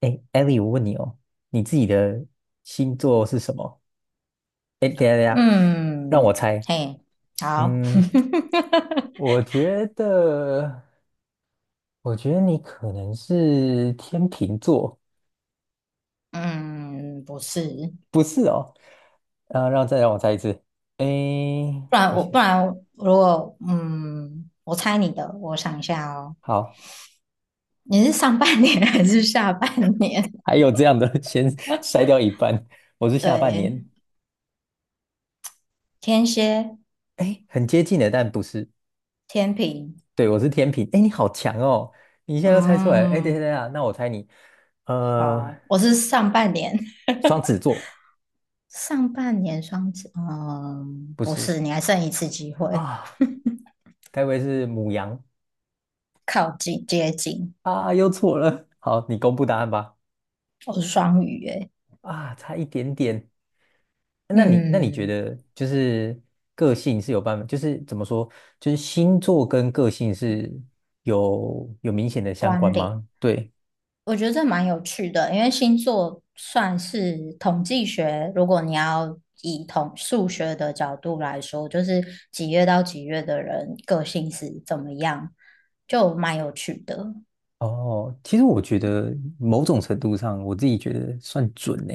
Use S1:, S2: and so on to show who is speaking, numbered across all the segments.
S1: 哎艾 l 我问你哦，你自己的星座是什么？哎，等一下等一下，让我
S2: 嗯，
S1: 猜。
S2: 嘿，好，
S1: 嗯，我觉得，我觉得你可能是天秤座，
S2: 嗯，不是，
S1: 不是哦。啊，让我猜一次。哎，
S2: 不然
S1: 不
S2: 我
S1: 行，
S2: 不然如果我猜你的，我想一下哦，
S1: 好，
S2: 你是上半年 还是下半年？
S1: 还有这样的，先筛掉一半。我是下半
S2: 对，
S1: 年，
S2: 天蝎、
S1: 哎，很接近的，但不是。
S2: 天平，
S1: 对，我是天秤。哎，你好强哦，你现在又猜出来了。哎，等一下
S2: 嗯，
S1: 等一下，那我猜你，呃，
S2: 好，我是上半年，
S1: 双子座
S2: 上半年双子，嗯，
S1: 不
S2: 不
S1: 是。
S2: 是，你还剩一次机会，
S1: 啊，该不会是母羊
S2: 靠近接近，
S1: 啊？又错了。好，你公布答案吧。
S2: 我是双鱼，诶，
S1: 啊，差一点点。那你觉
S2: 嗯，
S1: 得就是个性是有办法，就是怎么说，就是星座跟个性是有明显的相
S2: 关
S1: 关
S2: 联。
S1: 吗？对。
S2: 我觉得这蛮有趣的，因为星座算是统计学，如果你要以统数学的角度来说，就是几月到几月的人个性是怎么样，就蛮有趣的。
S1: 哦，其实我觉得某种程度上，我自己觉得算准呢。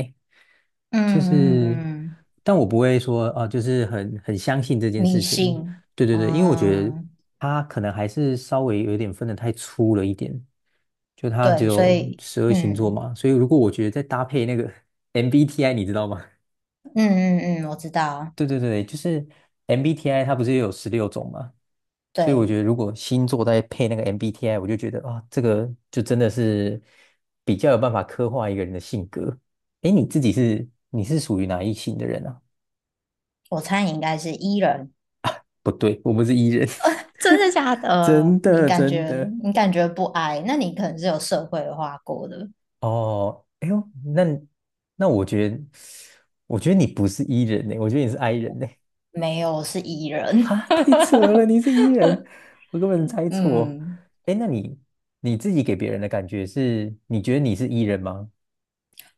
S2: 嗯
S1: 就
S2: 嗯
S1: 是，
S2: 嗯，
S1: 但我不会说啊，就是很相信这件
S2: 迷
S1: 事情。
S2: 信，
S1: 对对对，因为我觉得
S2: 嗯，
S1: 他可能还是稍微有一点分得太粗了一点，就他只
S2: 对，所
S1: 有
S2: 以，
S1: 12星座
S2: 嗯
S1: 嘛，所以如果我觉得再搭配那个 MBTI，你知道吗？
S2: 嗯嗯嗯，我知道，
S1: 对对对，就是 MBTI 它不是有16种嘛，所以我
S2: 对，
S1: 觉得如果星座再配那个 MBTI，我就觉得啊，这个就真的是比较有办法刻画一个人的性格。诶，你是属于哪一型的人啊？
S2: 我猜你应该是 E 人，
S1: 不对，我们是 E 人，
S2: 真的假 的？
S1: 真
S2: 你
S1: 的
S2: 感
S1: 真
S2: 觉
S1: 的。
S2: 你感觉不 I，那你可能是有社会化过的。
S1: 哦，哎呦，那我觉得，你不是 E 人呢，我觉得你是 I 人呢。
S2: 没有，是 E 人。
S1: 哈，太扯了！你是 E 人，我根本猜错。
S2: 嗯，
S1: 哎，那你自己给别人的感觉是，你觉得你是 E 人吗？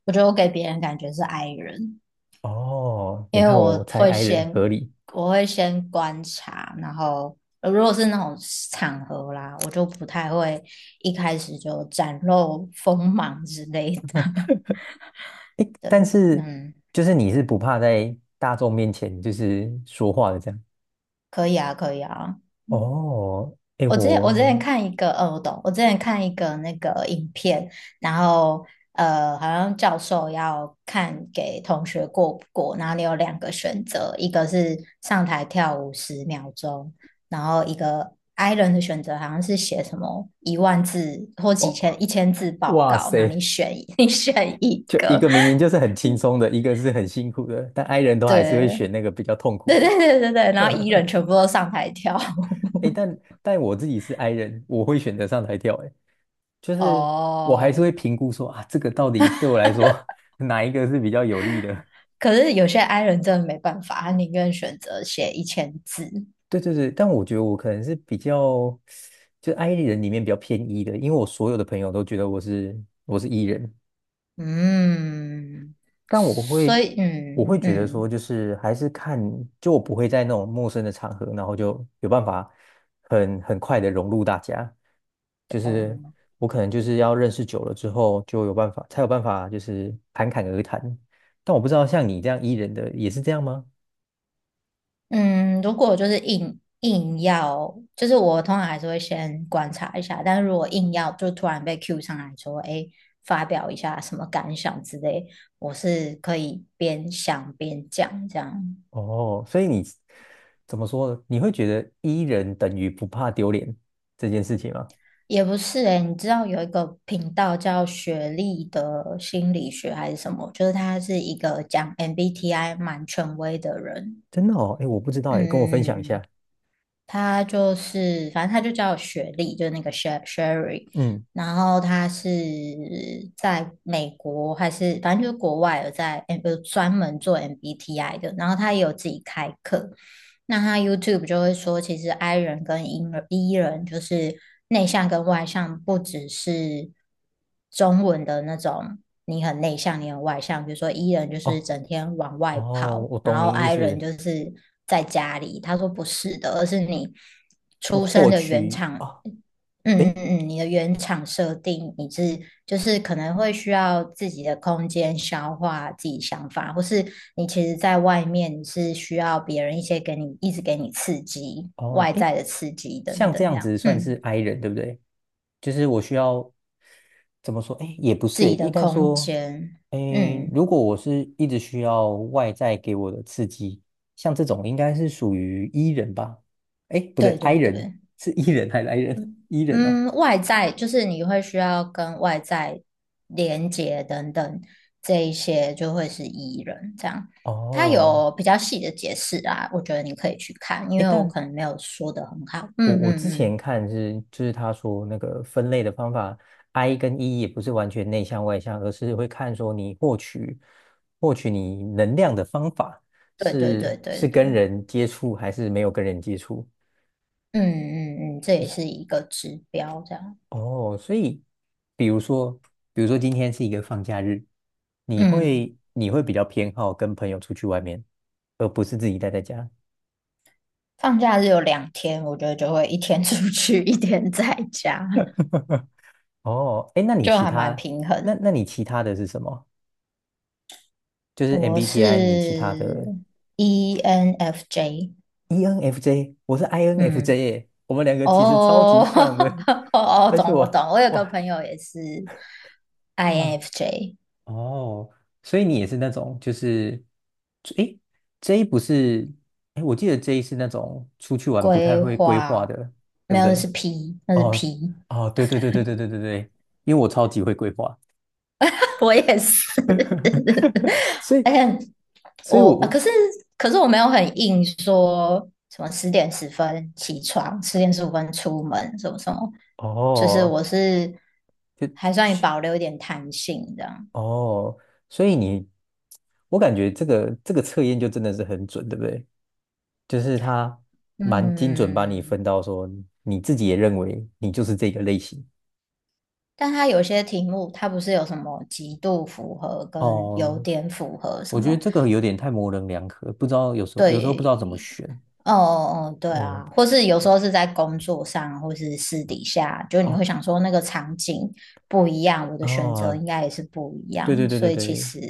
S2: 我觉得我给别人感觉是 I 人，
S1: 哦，你
S2: 因为
S1: 看
S2: 我
S1: 我猜
S2: 会
S1: I 人
S2: 先
S1: 合理。
S2: 我会先观察，然后如果是那种场合啦，我就不太会一开始就展露锋芒之类的。
S1: 哎，
S2: 对，
S1: 但是
S2: 嗯，
S1: 就是你是不怕在大众面前就是说话的这样。
S2: 可以啊，可以啊。
S1: 哦，哎
S2: 我之前我之
S1: 我
S2: 前看一个，我懂，我之前看一个那个影片，然后好像教授要看给同学过不过，然后你有两个选择，一个是上台跳舞10秒钟，然后一个 i 人的选择好像是写什么1万字或几
S1: 哦，
S2: 千一千字报
S1: 哇
S2: 告，那你
S1: 塞，
S2: 选一 你选一
S1: 就一
S2: 个，
S1: 个明明就是很轻松的，一个是很辛苦的，但 i 人都还是会
S2: 对
S1: 选那个比较痛苦
S2: 对
S1: 的。
S2: 对对对对，然后 E 人 全部都上台跳，
S1: 哎但我自己是 i 人，我会选择上台跳。哎，就 是我还是
S2: 哦，
S1: 会评估说啊，这个到底对我来说 哪一个是比较有利的？
S2: 可是有些 I 人真的没办法，他宁愿选择写一千字。
S1: 对对对，但我觉得我可能是比较，就 i 人里面比较偏 E 的，因为我所有的朋友都觉得我是 E 人，
S2: 嗯，
S1: 但
S2: 所以
S1: 我
S2: 嗯
S1: 会觉得说，
S2: 嗯
S1: 就是还是看，就我不会在那种陌生的场合，然后就有办法很快的融入大家。就是我可能就是要认识久了之后，就有办法，才有办法就是侃侃而谈。但我不知道像你这样 E 人的也是这样吗？
S2: 嗯，如果就是硬要，就是我通常还是会先观察一下，但是如果硬要就突然被 Q 上来说，哎，发表一下什么感想之类，我是可以边想边讲这样。
S1: 哦，所以你怎么说呢？你会觉得 E 人等于不怕丢脸这件事情吗？
S2: 也不是诶，你知道有一个频道叫学历的心理学还是什么？就是他是一个讲 MBTI 蛮权威的人。
S1: 真的哦，哎，我不知道
S2: 嗯
S1: 哎，跟我分享一
S2: 嗯
S1: 下。
S2: 嗯他就是，反正他就叫我雪莉，就是那个 Sherry
S1: 嗯，
S2: 然后他是在美国还是反正就是国外有在有专门做 MBTI 的，然后他也有自己开课。那他 YouTube 就会说，其实 I 人跟 E 人，E 人就是内向跟外向，不只是中文的那种你很内向，你很外向。比如说 E 人就是
S1: 哦
S2: 整天往外
S1: 哦，
S2: 跑，
S1: 我
S2: 然
S1: 懂
S2: 后
S1: 你意
S2: I 人
S1: 思。
S2: 就是在家里。他说不是的，而是你
S1: 那
S2: 出生
S1: 获
S2: 的原
S1: 取
S2: 厂，
S1: 啊，诶，
S2: 你的原厂设定，你是就是可能会需要自己的空间消化自己想法，或是你其实在外面你是需要别人一些一直给你刺激，
S1: 哦，
S2: 外
S1: 诶，
S2: 在的刺激等
S1: 像这
S2: 等这
S1: 样
S2: 样，
S1: 子算
S2: 嗯，
S1: 是 I 人，对不对？就是我需要怎么说？诶，也不
S2: 自
S1: 是，
S2: 己
S1: 应
S2: 的
S1: 该
S2: 空
S1: 说，
S2: 间，
S1: 诶，
S2: 嗯，
S1: 如果我是一直需要外在给我的刺激，像这种应该是属于 E 人吧？诶，不对
S2: 对对
S1: ，I 人
S2: 对。
S1: 是 E 人还是 I 人？E 人哦。
S2: 嗯，外在就是你会需要跟外在连接等等，这一些就会是 E 人这样。它
S1: 哦，
S2: 有比较细的解释啊，我觉得你可以去看，因
S1: 诶，
S2: 为我
S1: 但
S2: 可能没有说的很好。
S1: 我
S2: 嗯
S1: 我
S2: 嗯
S1: 之
S2: 嗯，
S1: 前看是，就是他说那个分类的方法，I 跟 E 也不是完全内向外向，而是会看说你获取你能量的方法
S2: 对对
S1: 是
S2: 对对
S1: 是
S2: 对，
S1: 跟
S2: 嗯
S1: 人接触还是没有跟人接触。
S2: 嗯嗯，这也是一个指标这样。
S1: 哦，所以比如说，比如说今天是一个放假日，
S2: 嗯，
S1: 你会比较偏好跟朋友出去外面，而不是自己待在家。
S2: 放假日有2天，我觉得就会一天 出去，一天在家，
S1: 哦，哎，那你
S2: 就
S1: 其
S2: 还蛮
S1: 他
S2: 平
S1: 那
S2: 衡。
S1: 那你其他的是什么？就是
S2: 我是
S1: MBTI，你其他的
S2: ENFJ。
S1: ENFJ，我是
S2: 嗯。
S1: INFJ，耶我们两个其实超级
S2: 哦，
S1: 像 的，
S2: 哦，哦，
S1: 而且
S2: 懂，我
S1: 我
S2: 懂。我有个
S1: 哇
S2: 朋友也是
S1: 哇
S2: INFJ
S1: 哦，所以你也是那种就是诶，J 不是诶，我记得 J 是那种出去玩不太
S2: 规
S1: 会规划
S2: 划，
S1: 的，对
S2: 没
S1: 不
S2: 有，那是
S1: 对？
S2: P，那是
S1: 哦
S2: P。
S1: 哦，对对对对对对对对，因为我超级会规划，
S2: 我也是，
S1: 所 以
S2: 而且
S1: 所以
S2: 我，啊
S1: 我
S2: 可是我没有很硬说什么10点10分起床，10点15分出门，什么什么，就是
S1: 哦
S2: 我是
S1: 就
S2: 还算保留一点弹性这样。
S1: 哦，所以你我感觉这个测验就真的是很准，对不对？就是他蛮精准把你
S2: 嗯，
S1: 分到说你自己也认为你就是这个类型。
S2: 但它有些题目，它不是有什么极度符合跟有
S1: 哦，
S2: 点符合什
S1: 我觉
S2: 么？
S1: 得这个有点太模棱两可，不知道有时候不知
S2: 对，
S1: 道怎么选。
S2: 哦哦，对
S1: 嗯
S2: 啊，或是有时候是在工作上，或是私底下，就你
S1: 啊
S2: 会想说那个场景不一样，我的选择
S1: 啊，
S2: 应该也是不一
S1: 对
S2: 样，
S1: 对对
S2: 所
S1: 对
S2: 以其
S1: 对，
S2: 实，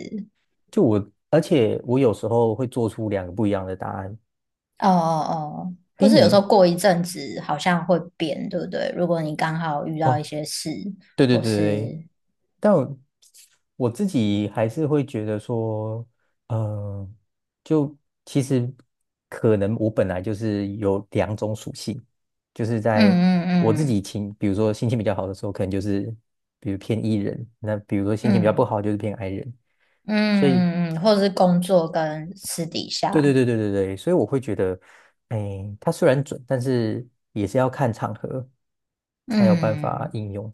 S1: 就我，而且我有时候会做出两个不一样的答案。
S2: 哦哦哦，或
S1: 诶，
S2: 是有时候
S1: 你
S2: 过一阵子好像会变，对不对？如果你刚好遇到一
S1: 哦，
S2: 些事，
S1: 对对
S2: 或
S1: 对对，
S2: 是
S1: 但我自己还是会觉得说，呃，就其实可能我本来就是有两种属性，就是
S2: 嗯
S1: 在我自
S2: 嗯嗯
S1: 己情，比如说心情比较好的时候，可能就是比如偏 E 人，那比如说心情比较不
S2: 嗯
S1: 好就是偏 I 人，
S2: 嗯
S1: 所以
S2: 嗯嗯，嗯或是工作跟私底
S1: 对对
S2: 下。
S1: 对对对对，所以我会觉得，哎，它虽然准，但是也是要看场合才有办法
S2: 嗯，
S1: 应用。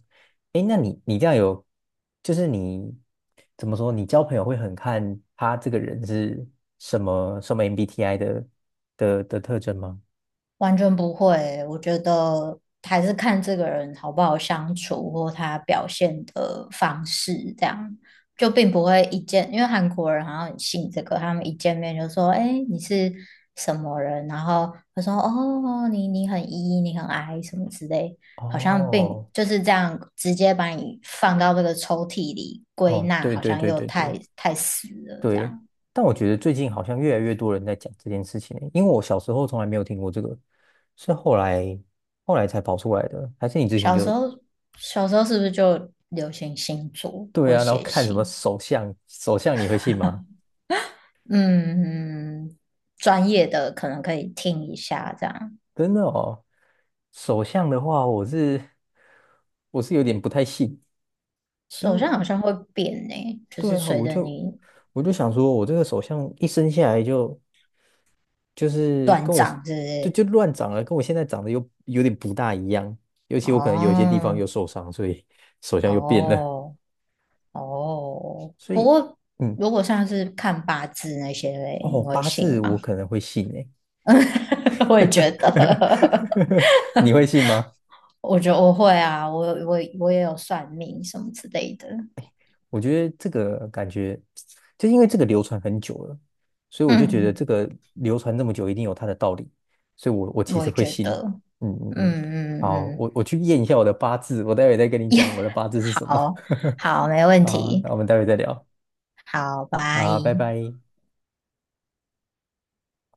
S1: 哎，那你这样有，就是你怎么说，你交朋友会很看他这个人是什么什么 MBTI 的特征吗？
S2: 完全不会。我觉得还是看这个人好不好相处，或他表现的方式，这样就并不会一见。因为韩国人好像很信这个，他们一见面就说：“哎，你是什么人？”然后他说：“哦，你很 E，你很 I 什么之类。”好像并
S1: 哦
S2: 就是这样直接把你放到这个抽屉里归
S1: 哦，
S2: 纳，
S1: 对
S2: 好
S1: 对
S2: 像
S1: 对
S2: 又
S1: 对
S2: 太
S1: 对
S2: 太死了这
S1: 对，
S2: 样。
S1: 但我觉得最近好像越来越多人在讲这件事情欸因为我小时候从来没有听过这个，是后来才跑出来的，还是你之前
S2: 小时
S1: 就？
S2: 候，小时候是不是就流行星座
S1: 对
S2: 或
S1: 啊，然后
S2: 写
S1: 看什么
S2: 信？
S1: 首相你会信吗？
S2: 嗯，专业的可能可以听一下，这样
S1: 真的哦，首相的话，我是有点不太信，因
S2: 手相
S1: 为
S2: 好像会变呢，就
S1: 对
S2: 是
S1: 啊，
S2: 随着你
S1: 我就想说，我这个首相一生下来就就是跟我就乱长了，跟我现在长得又有点不大一样，尤其我可能有一些地方
S2: 哦
S1: 又受伤，所以首相又变了，
S2: 哦哦。
S1: 所
S2: 不
S1: 以
S2: 过
S1: 嗯
S2: 如果像是看八字那些嘞，
S1: 哦，
S2: 你会
S1: 八
S2: 信
S1: 字
S2: 吗？
S1: 我可能会信诶，
S2: 我也觉得，
S1: 你会信吗？
S2: 我觉得我会啊，我也有算命什么之类的，
S1: 我觉得这个感觉，就因为这个流传很久了，所以我就觉得这
S2: 嗯，
S1: 个流传这么久，一定有它的道理，所以我其
S2: 我
S1: 实
S2: 也
S1: 会
S2: 觉
S1: 信。
S2: 得。
S1: 嗯嗯
S2: 嗯
S1: 嗯，
S2: 嗯
S1: 好，
S2: 嗯，
S1: 我去验一下我的八字，我待会再跟你讲我的八字是什么。
S2: 好，好，没 问
S1: 好，
S2: 题，
S1: 那我们待会再聊。
S2: 好，拜。
S1: 好，拜拜。